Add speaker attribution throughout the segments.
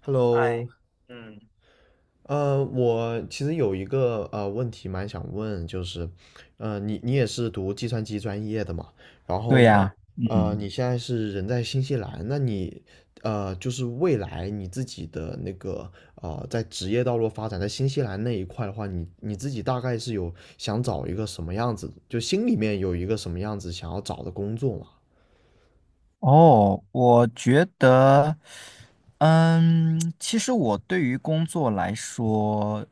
Speaker 1: Hello，我其实有一个问题蛮想问，就是，你也是读计算机专业的嘛？然后
Speaker 2: 对
Speaker 1: 呢，
Speaker 2: 呀。嗯。
Speaker 1: 你现在是人在新西兰，那你就是未来你自己的那个在职业道路发展，在新西兰那一块的话，你自己大概是有想找一个什么样子，就心里面有一个什么样子想要找的工作嘛？
Speaker 2: 哦，我觉得，其实我对于工作来说，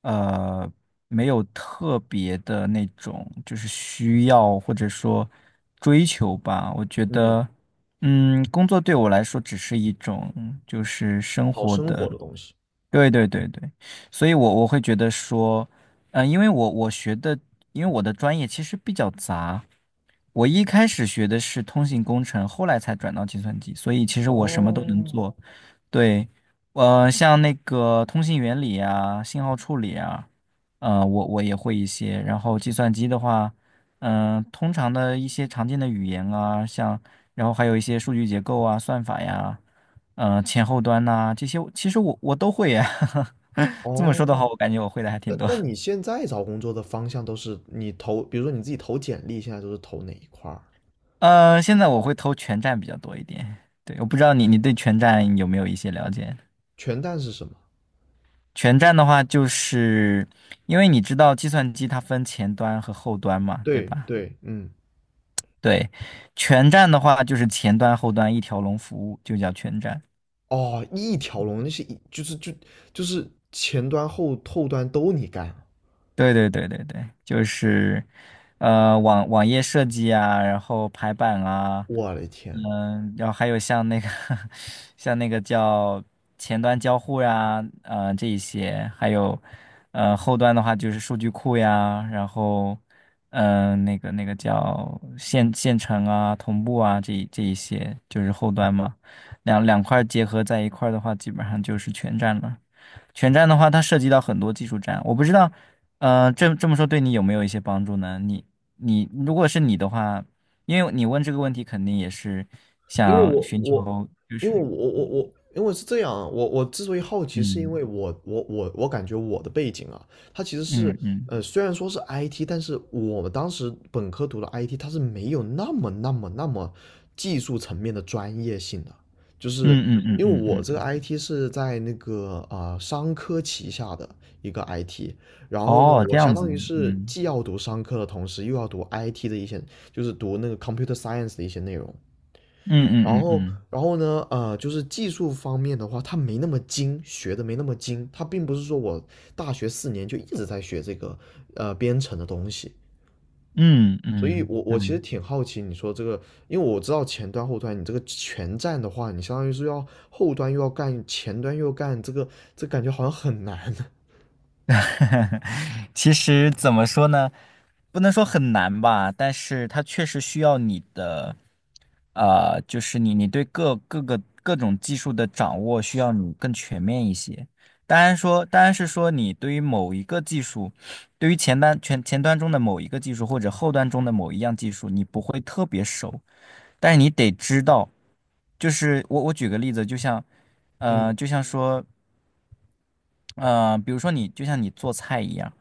Speaker 2: 呃，没有特别的那种就是需要或者说追求吧。我觉
Speaker 1: 嗯，
Speaker 2: 得，工作对我来说只是一种就是生
Speaker 1: 讨
Speaker 2: 活
Speaker 1: 生活
Speaker 2: 的。
Speaker 1: 的东西。
Speaker 2: 对对对对，所以我会觉得说。因为因为我的专业其实比较杂，我一开始学的是通信工程，后来才转到计算机，所以其实我什么都能
Speaker 1: 哦
Speaker 2: 做。对。像那个通信原理啊、信号处理啊，我也会一些。然后计算机的话，通常的一些常见的语言啊，像然后还有一些数据结构啊、算法呀，前后端呐、这些，其实我都会呀。这么说的
Speaker 1: 哦，
Speaker 2: 话，我感觉我会的还
Speaker 1: 那
Speaker 2: 挺多。
Speaker 1: 那你现在找工作的方向都是你投，比如说你自己投简历，现在都是投哪一块儿？
Speaker 2: 现在我会投全站比较多一点。对，我不知道你对全站有没有一些了解？
Speaker 1: 全栈是什么？
Speaker 2: 全站的话，就是因为你知道计算机它分前端和后端嘛，对
Speaker 1: 对
Speaker 2: 吧？
Speaker 1: 对，嗯，
Speaker 2: 对，全站的话就是前端后端一条龙服务，就叫全站。
Speaker 1: 哦，一条龙那是一就是就就是前端后端都你干，
Speaker 2: 对对对对对，就是，网页设计啊，然后排版啊，
Speaker 1: 我的天，
Speaker 2: 然后还有像那个 像那个叫前端交互呀、这一些，还有后端的话就是数据库呀，然后那个那个叫线程啊、同步啊，这一些就是后端嘛，两块儿结合在一块儿的话，基本上就是全站了。全站的话，它涉及到很多技术站，我不知道，这这么说对你有没有一些帮助呢？你你如果是你的话，因为你问这个问题，肯定也是
Speaker 1: 因为
Speaker 2: 想
Speaker 1: 我
Speaker 2: 寻
Speaker 1: 我
Speaker 2: 求，就是
Speaker 1: 因为是这样啊，我之所以好奇，是因
Speaker 2: 嗯
Speaker 1: 为我感觉我的背景啊，它其实是
Speaker 2: 嗯嗯
Speaker 1: 虽然说是 IT，但是我们当时本科读的 IT，它是没有那么技术层面的专业性的，就是
Speaker 2: 嗯嗯嗯
Speaker 1: 因为
Speaker 2: 嗯
Speaker 1: 我
Speaker 2: 嗯，
Speaker 1: 这个
Speaker 2: 嗯
Speaker 1: IT 是在那个商科旗下的一个 IT，然后呢，
Speaker 2: 哦，
Speaker 1: 我
Speaker 2: 这
Speaker 1: 相
Speaker 2: 样子，
Speaker 1: 当于是
Speaker 2: 嗯
Speaker 1: 既要读商科的同时，又要读 IT 的一些，就是读那个 computer science 的一些内容。然
Speaker 2: 嗯嗯
Speaker 1: 后，
Speaker 2: 嗯
Speaker 1: 然后呢，就是技术方面的话，他没那么精，学的没那么精。他并不是说我大学4年就一直在学这个编程的东西，
Speaker 2: 嗯
Speaker 1: 所以
Speaker 2: 嗯
Speaker 1: 我
Speaker 2: 嗯，
Speaker 1: 其实
Speaker 2: 对。
Speaker 1: 挺好奇你说这个，因为我知道前端后端，你这个全站的话，你相当于是要后端又要干，前端又要干，这感觉好像很难。
Speaker 2: 其实怎么说呢，不能说很难吧，但是它确实需要你的，就是你对各种技术的掌握需要你更全面一些。当然说，当然是说你对于某一个技术，对于前端前端中的某一个技术或者后端中的某一样技术，你不会特别熟，但是你得知道，就是我举个例子，就像，
Speaker 1: 嗯
Speaker 2: 就像说，比如说你就像你做菜一样。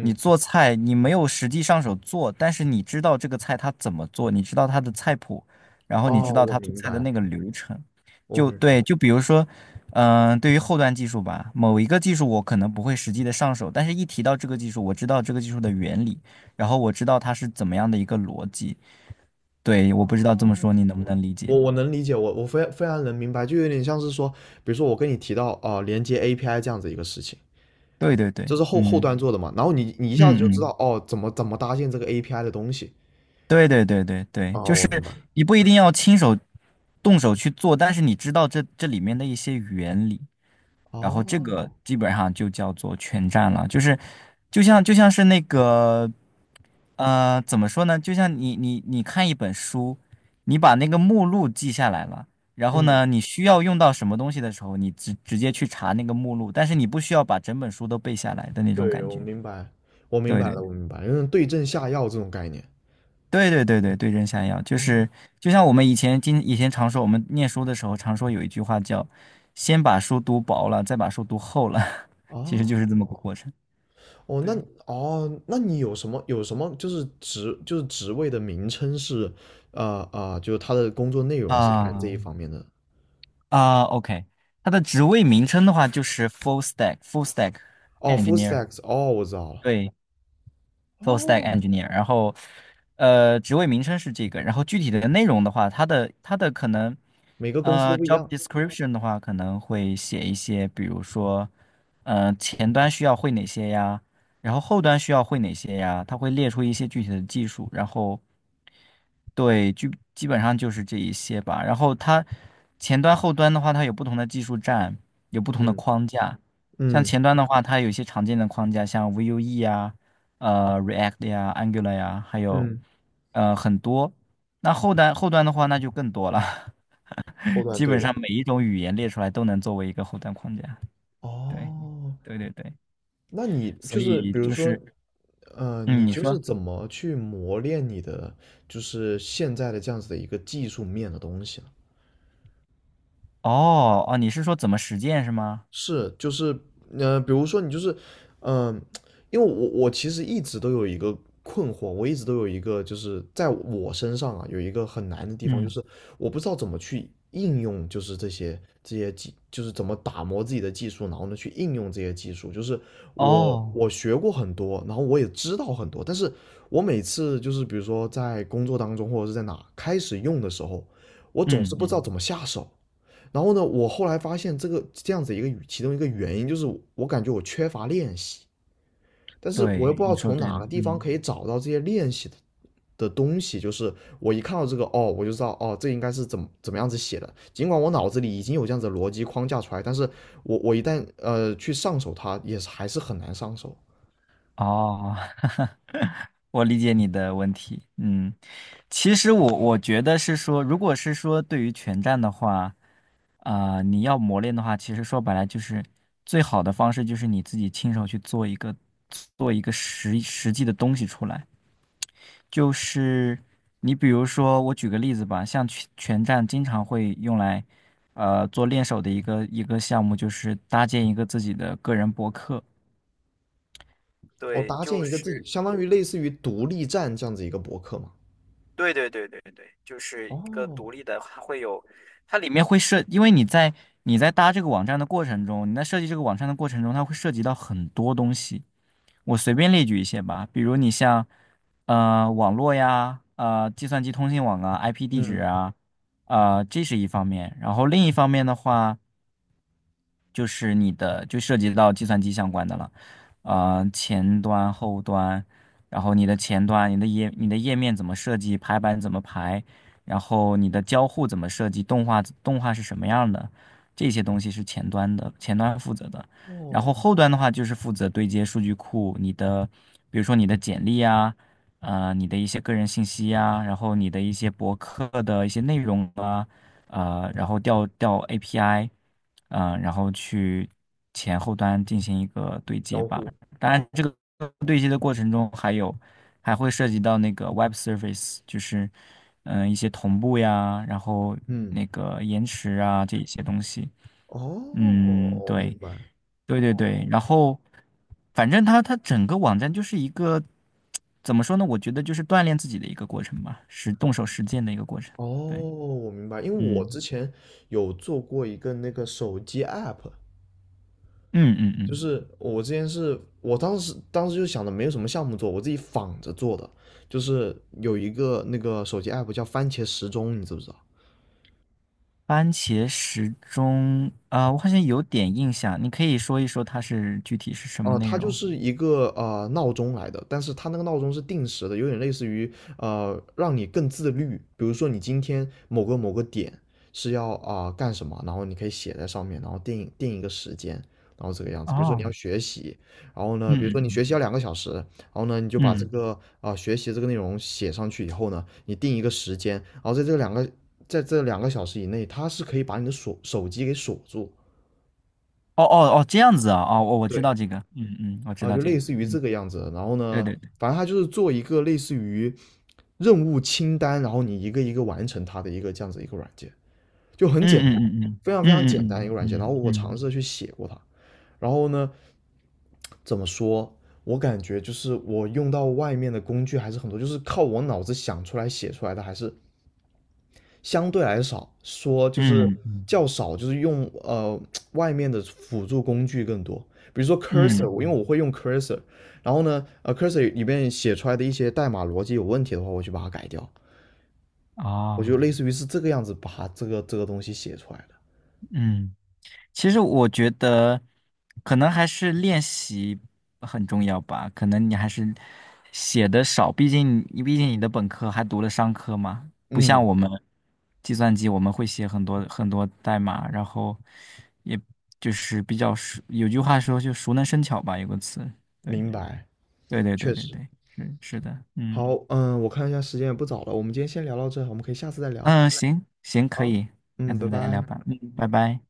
Speaker 2: 你做菜，你没有实际上手做，但是你知道这个菜它怎么做，你知道它的菜谱，然后你知
Speaker 1: 哦，
Speaker 2: 道
Speaker 1: 我
Speaker 2: 它做
Speaker 1: 明
Speaker 2: 菜的
Speaker 1: 白，
Speaker 2: 那个流程。
Speaker 1: 我
Speaker 2: 就
Speaker 1: 明白，
Speaker 2: 对，就比如说，对于后端技术吧，某一个技术我可能不会实际的上手，但是一提到这个技术，我知道这个技术的原理，然后我知道它是怎么样的一个逻辑。对，我不知道这么说你能不能理解？
Speaker 1: 我能理解，我非常能明白，就有点像是说，比如说我跟你提到连接 API 这样子一个事情。
Speaker 2: 对对
Speaker 1: 就
Speaker 2: 对，
Speaker 1: 是后后
Speaker 2: 嗯
Speaker 1: 端做的嘛。然后你一下子就
Speaker 2: 嗯
Speaker 1: 知道
Speaker 2: 嗯。
Speaker 1: 哦，怎么搭建这个 API 的东西。
Speaker 2: 对对对对对，
Speaker 1: 哦，
Speaker 2: 就
Speaker 1: 我
Speaker 2: 是
Speaker 1: 明白。
Speaker 2: 你不一定要亲手动手去做，但是你知道这里面的一些原理，然后这个
Speaker 1: 哦，
Speaker 2: 基本上就叫做全占了。就是就像是那个怎么说呢？就像你看一本书，你把那个目录记下来了，然后
Speaker 1: 嗯，
Speaker 2: 呢，你需要用到什么东西的时候，你直接去查那个目录，但是你不需要把整本书都背下来的那种
Speaker 1: 对，
Speaker 2: 感
Speaker 1: 我
Speaker 2: 觉。
Speaker 1: 明白，我明
Speaker 2: 对
Speaker 1: 白
Speaker 2: 对
Speaker 1: 了，我明白，为对症下药这种概念。
Speaker 2: 对对对对，对症下药，就
Speaker 1: 哦，
Speaker 2: 是就像我们以前以前常说，我们念书的时候常说有一句话叫"先把书读薄了，再把书读厚了"，其实
Speaker 1: 啊，
Speaker 2: 就是这么个过程。
Speaker 1: 哦，那
Speaker 2: 对
Speaker 1: 哦，那你有什么就是职就是职位的名称是，就是他的工作内容是干这一
Speaker 2: 啊。
Speaker 1: 方面的。
Speaker 2: 啊，OK,它的职位名称的话就是 full stack
Speaker 1: 哦，full
Speaker 2: engineer。
Speaker 1: stacks，哦，我知道了。
Speaker 2: 对，full stack
Speaker 1: 哦，
Speaker 2: engineer,然后职位名称是这个，然后具体的内容的话，它的可能
Speaker 1: 每个公司都不一
Speaker 2: job
Speaker 1: 样。
Speaker 2: description 的话，可能会写一些，比如说前端需要会哪些呀，然后后端需要会哪些呀，它会列出一些具体的技术，然后对，基本上就是这一些吧。然后它前端后端的话，它有不同的技术栈，有不同的
Speaker 1: 嗯
Speaker 2: 框架。像
Speaker 1: 嗯
Speaker 2: 前端的话，它有一些常见的框架，像 Vue 啊。React 呀、Angular 呀，还有
Speaker 1: 嗯，
Speaker 2: 很多。那后端的话，那就更多了，
Speaker 1: 后 端
Speaker 2: 基
Speaker 1: 对
Speaker 2: 本
Speaker 1: 的。
Speaker 2: 上每一种语言列出来都能作为一个后端框架。对
Speaker 1: 哦，
Speaker 2: 对对对，
Speaker 1: 那你就
Speaker 2: 所
Speaker 1: 是
Speaker 2: 以
Speaker 1: 比如
Speaker 2: 就
Speaker 1: 说，
Speaker 2: 是嗯，
Speaker 1: 你
Speaker 2: 你
Speaker 1: 就是
Speaker 2: 说
Speaker 1: 怎么去磨练你的就是现在的这样子的一个技术面的东西
Speaker 2: 哦哦，你是说怎么实践是吗？
Speaker 1: 是，就是，比如说你就是，嗯、因为我其实一直都有一个困惑，我一直都有一个就是在我身上啊有一个很难的地方，就
Speaker 2: 嗯，
Speaker 1: 是我不知道怎么去应用，就是这些这些技，就是怎么打磨自己的技术，然后呢去应用这些技术。就是我
Speaker 2: 哦，
Speaker 1: 我学过很多，然后我也知道很多，但是我每次就是比如说在工作当中或者是在哪开始用的时候，我总是
Speaker 2: 嗯
Speaker 1: 不知道
Speaker 2: 嗯，
Speaker 1: 怎么下手。然后呢，我后来发现这个这样子一个其中一个原因就是我感觉我缺乏练习，但是我又
Speaker 2: 对，
Speaker 1: 不知道
Speaker 2: 你说
Speaker 1: 从
Speaker 2: 对
Speaker 1: 哪
Speaker 2: 了，
Speaker 1: 个地方
Speaker 2: 嗯。
Speaker 1: 可以找到这些练习的东西，就是我一看到这个哦，我就知道哦，这应该是怎么样子写的。尽管我脑子里已经有这样子的逻辑框架出来，但是我一旦去上手它，也是还是很难上手。
Speaker 2: 哦，我理解你的问题。嗯，其实我觉得是说，如果是说对于全站的话，啊、你要磨练的话，其实说白了就是最好的方式就是你自己亲手去做做一个实际的东西出来。就是你比如说，我举个例子吧，像全拳战经常会用来，做练手的一个项目，就是搭建一个自己的个人博客。
Speaker 1: 我
Speaker 2: 对，
Speaker 1: 搭建
Speaker 2: 就
Speaker 1: 一个自己，
Speaker 2: 是。
Speaker 1: 相当于类似于独立站这样子一个博客嘛。
Speaker 2: 对对对对对，就是一个
Speaker 1: 哦，
Speaker 2: 独立的，它会有，它里面因为你在搭这个网站的过程中，你在设计这个网站的过程中，它会涉及到很多东西。我随便列举一些吧，比如你像网络呀，计算机通信网啊，IP 地址
Speaker 1: 嗯，
Speaker 2: 啊，这是一方面。然后另一方面的话。就是你的就涉及到计算机相关的了，前端、后端，然后你的前端、你的页面怎么设计，排版怎么排，然后你的交互怎么设计，动画是什么样的，这些东西是前端的，前端负责的。然后
Speaker 1: 哦，
Speaker 2: 后端的话就是负责对接数据库，你的比如说你的简历啊，你的一些个人信息啊，然后你的一些博客的一些内容啊。然后调 API,然后去前后端进行一个对接
Speaker 1: 交
Speaker 2: 吧。
Speaker 1: 互，
Speaker 2: 当然，这个对接的过程中还有还会涉及到那个 Web Service,就是一些同步呀，然后
Speaker 1: 嗯，
Speaker 2: 那个延迟啊这一些东西。
Speaker 1: 哦，
Speaker 2: 嗯，
Speaker 1: 我
Speaker 2: 对。
Speaker 1: 明白。
Speaker 2: 对对对，然后反正它整个网站就是一个怎么说呢？我觉得就是锻炼自己的一个过程吧，是动手实践的一个过程。
Speaker 1: 哦，
Speaker 2: 对，
Speaker 1: 我明白，因为我之
Speaker 2: 嗯
Speaker 1: 前有做过一个那个手机 app，
Speaker 2: 嗯嗯
Speaker 1: 就
Speaker 2: 嗯。
Speaker 1: 是我之前是我当时就想着没有什么项目做，我自己仿着做的，就是有一个那个手机 app 叫番茄时钟，你知不知道？
Speaker 2: 番茄时钟啊，我好像有点印象，你可以说一说它是具体是什么
Speaker 1: 哦，
Speaker 2: 内
Speaker 1: 它就
Speaker 2: 容？
Speaker 1: 是一个闹钟来的，但是它那个闹钟是定时的，有点类似于让你更自律。比如说你今天某个点是要干什么，然后你可以写在上面，然后定一个时间，然后这个样子。比如说你要
Speaker 2: 啊，
Speaker 1: 学习，然后呢，
Speaker 2: 嗯
Speaker 1: 比如说你学
Speaker 2: 嗯
Speaker 1: 习要两个小时，然后呢你就
Speaker 2: 嗯
Speaker 1: 把这
Speaker 2: 嗯，
Speaker 1: 个学习这个内容写上去以后呢，你定一个时间，然后在这两个小时以内，它是可以把你的锁手机给锁住。
Speaker 2: 哦哦哦，这样子啊，哦，我知
Speaker 1: 对，
Speaker 2: 道这个，嗯嗯，我知
Speaker 1: 啊，
Speaker 2: 道
Speaker 1: 就
Speaker 2: 这个，
Speaker 1: 类似于这
Speaker 2: 嗯，
Speaker 1: 个样子。然后
Speaker 2: 对
Speaker 1: 呢，
Speaker 2: 对对，
Speaker 1: 反正它就是做一个类似于任务清单，然后你一个一个完成它的一个这样子一个软件，就很
Speaker 2: 嗯
Speaker 1: 简单，
Speaker 2: 嗯嗯
Speaker 1: 非常非常简单一
Speaker 2: 嗯
Speaker 1: 个
Speaker 2: 嗯
Speaker 1: 软件。然
Speaker 2: 嗯
Speaker 1: 后我尝
Speaker 2: 嗯
Speaker 1: 试着去写过它，然后呢，怎么说？我感觉就是我用到外面的工具还是很多，就是靠我脑子想出来写出来的，还是相对来少，说就是
Speaker 2: 嗯嗯嗯
Speaker 1: 较少，就是用外面的辅助工具更多，比如说
Speaker 2: 嗯
Speaker 1: cursor，我因为
Speaker 2: 嗯，
Speaker 1: 我会用 cursor，然后呢，cursor 里面写出来的一些代码逻辑有问题的话，我就把它改掉，
Speaker 2: 嗯
Speaker 1: 我就
Speaker 2: 哦，
Speaker 1: 类似于是这个样子把它这个这个东西写出来的。
Speaker 2: 嗯。其实我觉得，可能还是练习很重要吧。可能你还是写的少，毕竟你的本科还读了商科嘛，不像
Speaker 1: 嗯，
Speaker 2: 我们计算机，我们会写很多很多代码，然后也就是比较熟。有句话说，就熟能生巧吧，有个词。对，
Speaker 1: 明白，
Speaker 2: 对对对
Speaker 1: 确
Speaker 2: 对
Speaker 1: 实。
Speaker 2: 对，是是的，嗯
Speaker 1: 好，嗯，我看一下时间也不早了，我们今天先聊到这，我们可以下次再聊。
Speaker 2: 嗯，行行，可以，下
Speaker 1: 嗯，拜
Speaker 2: 次再聊
Speaker 1: 拜。
Speaker 2: 吧。嗯，拜拜。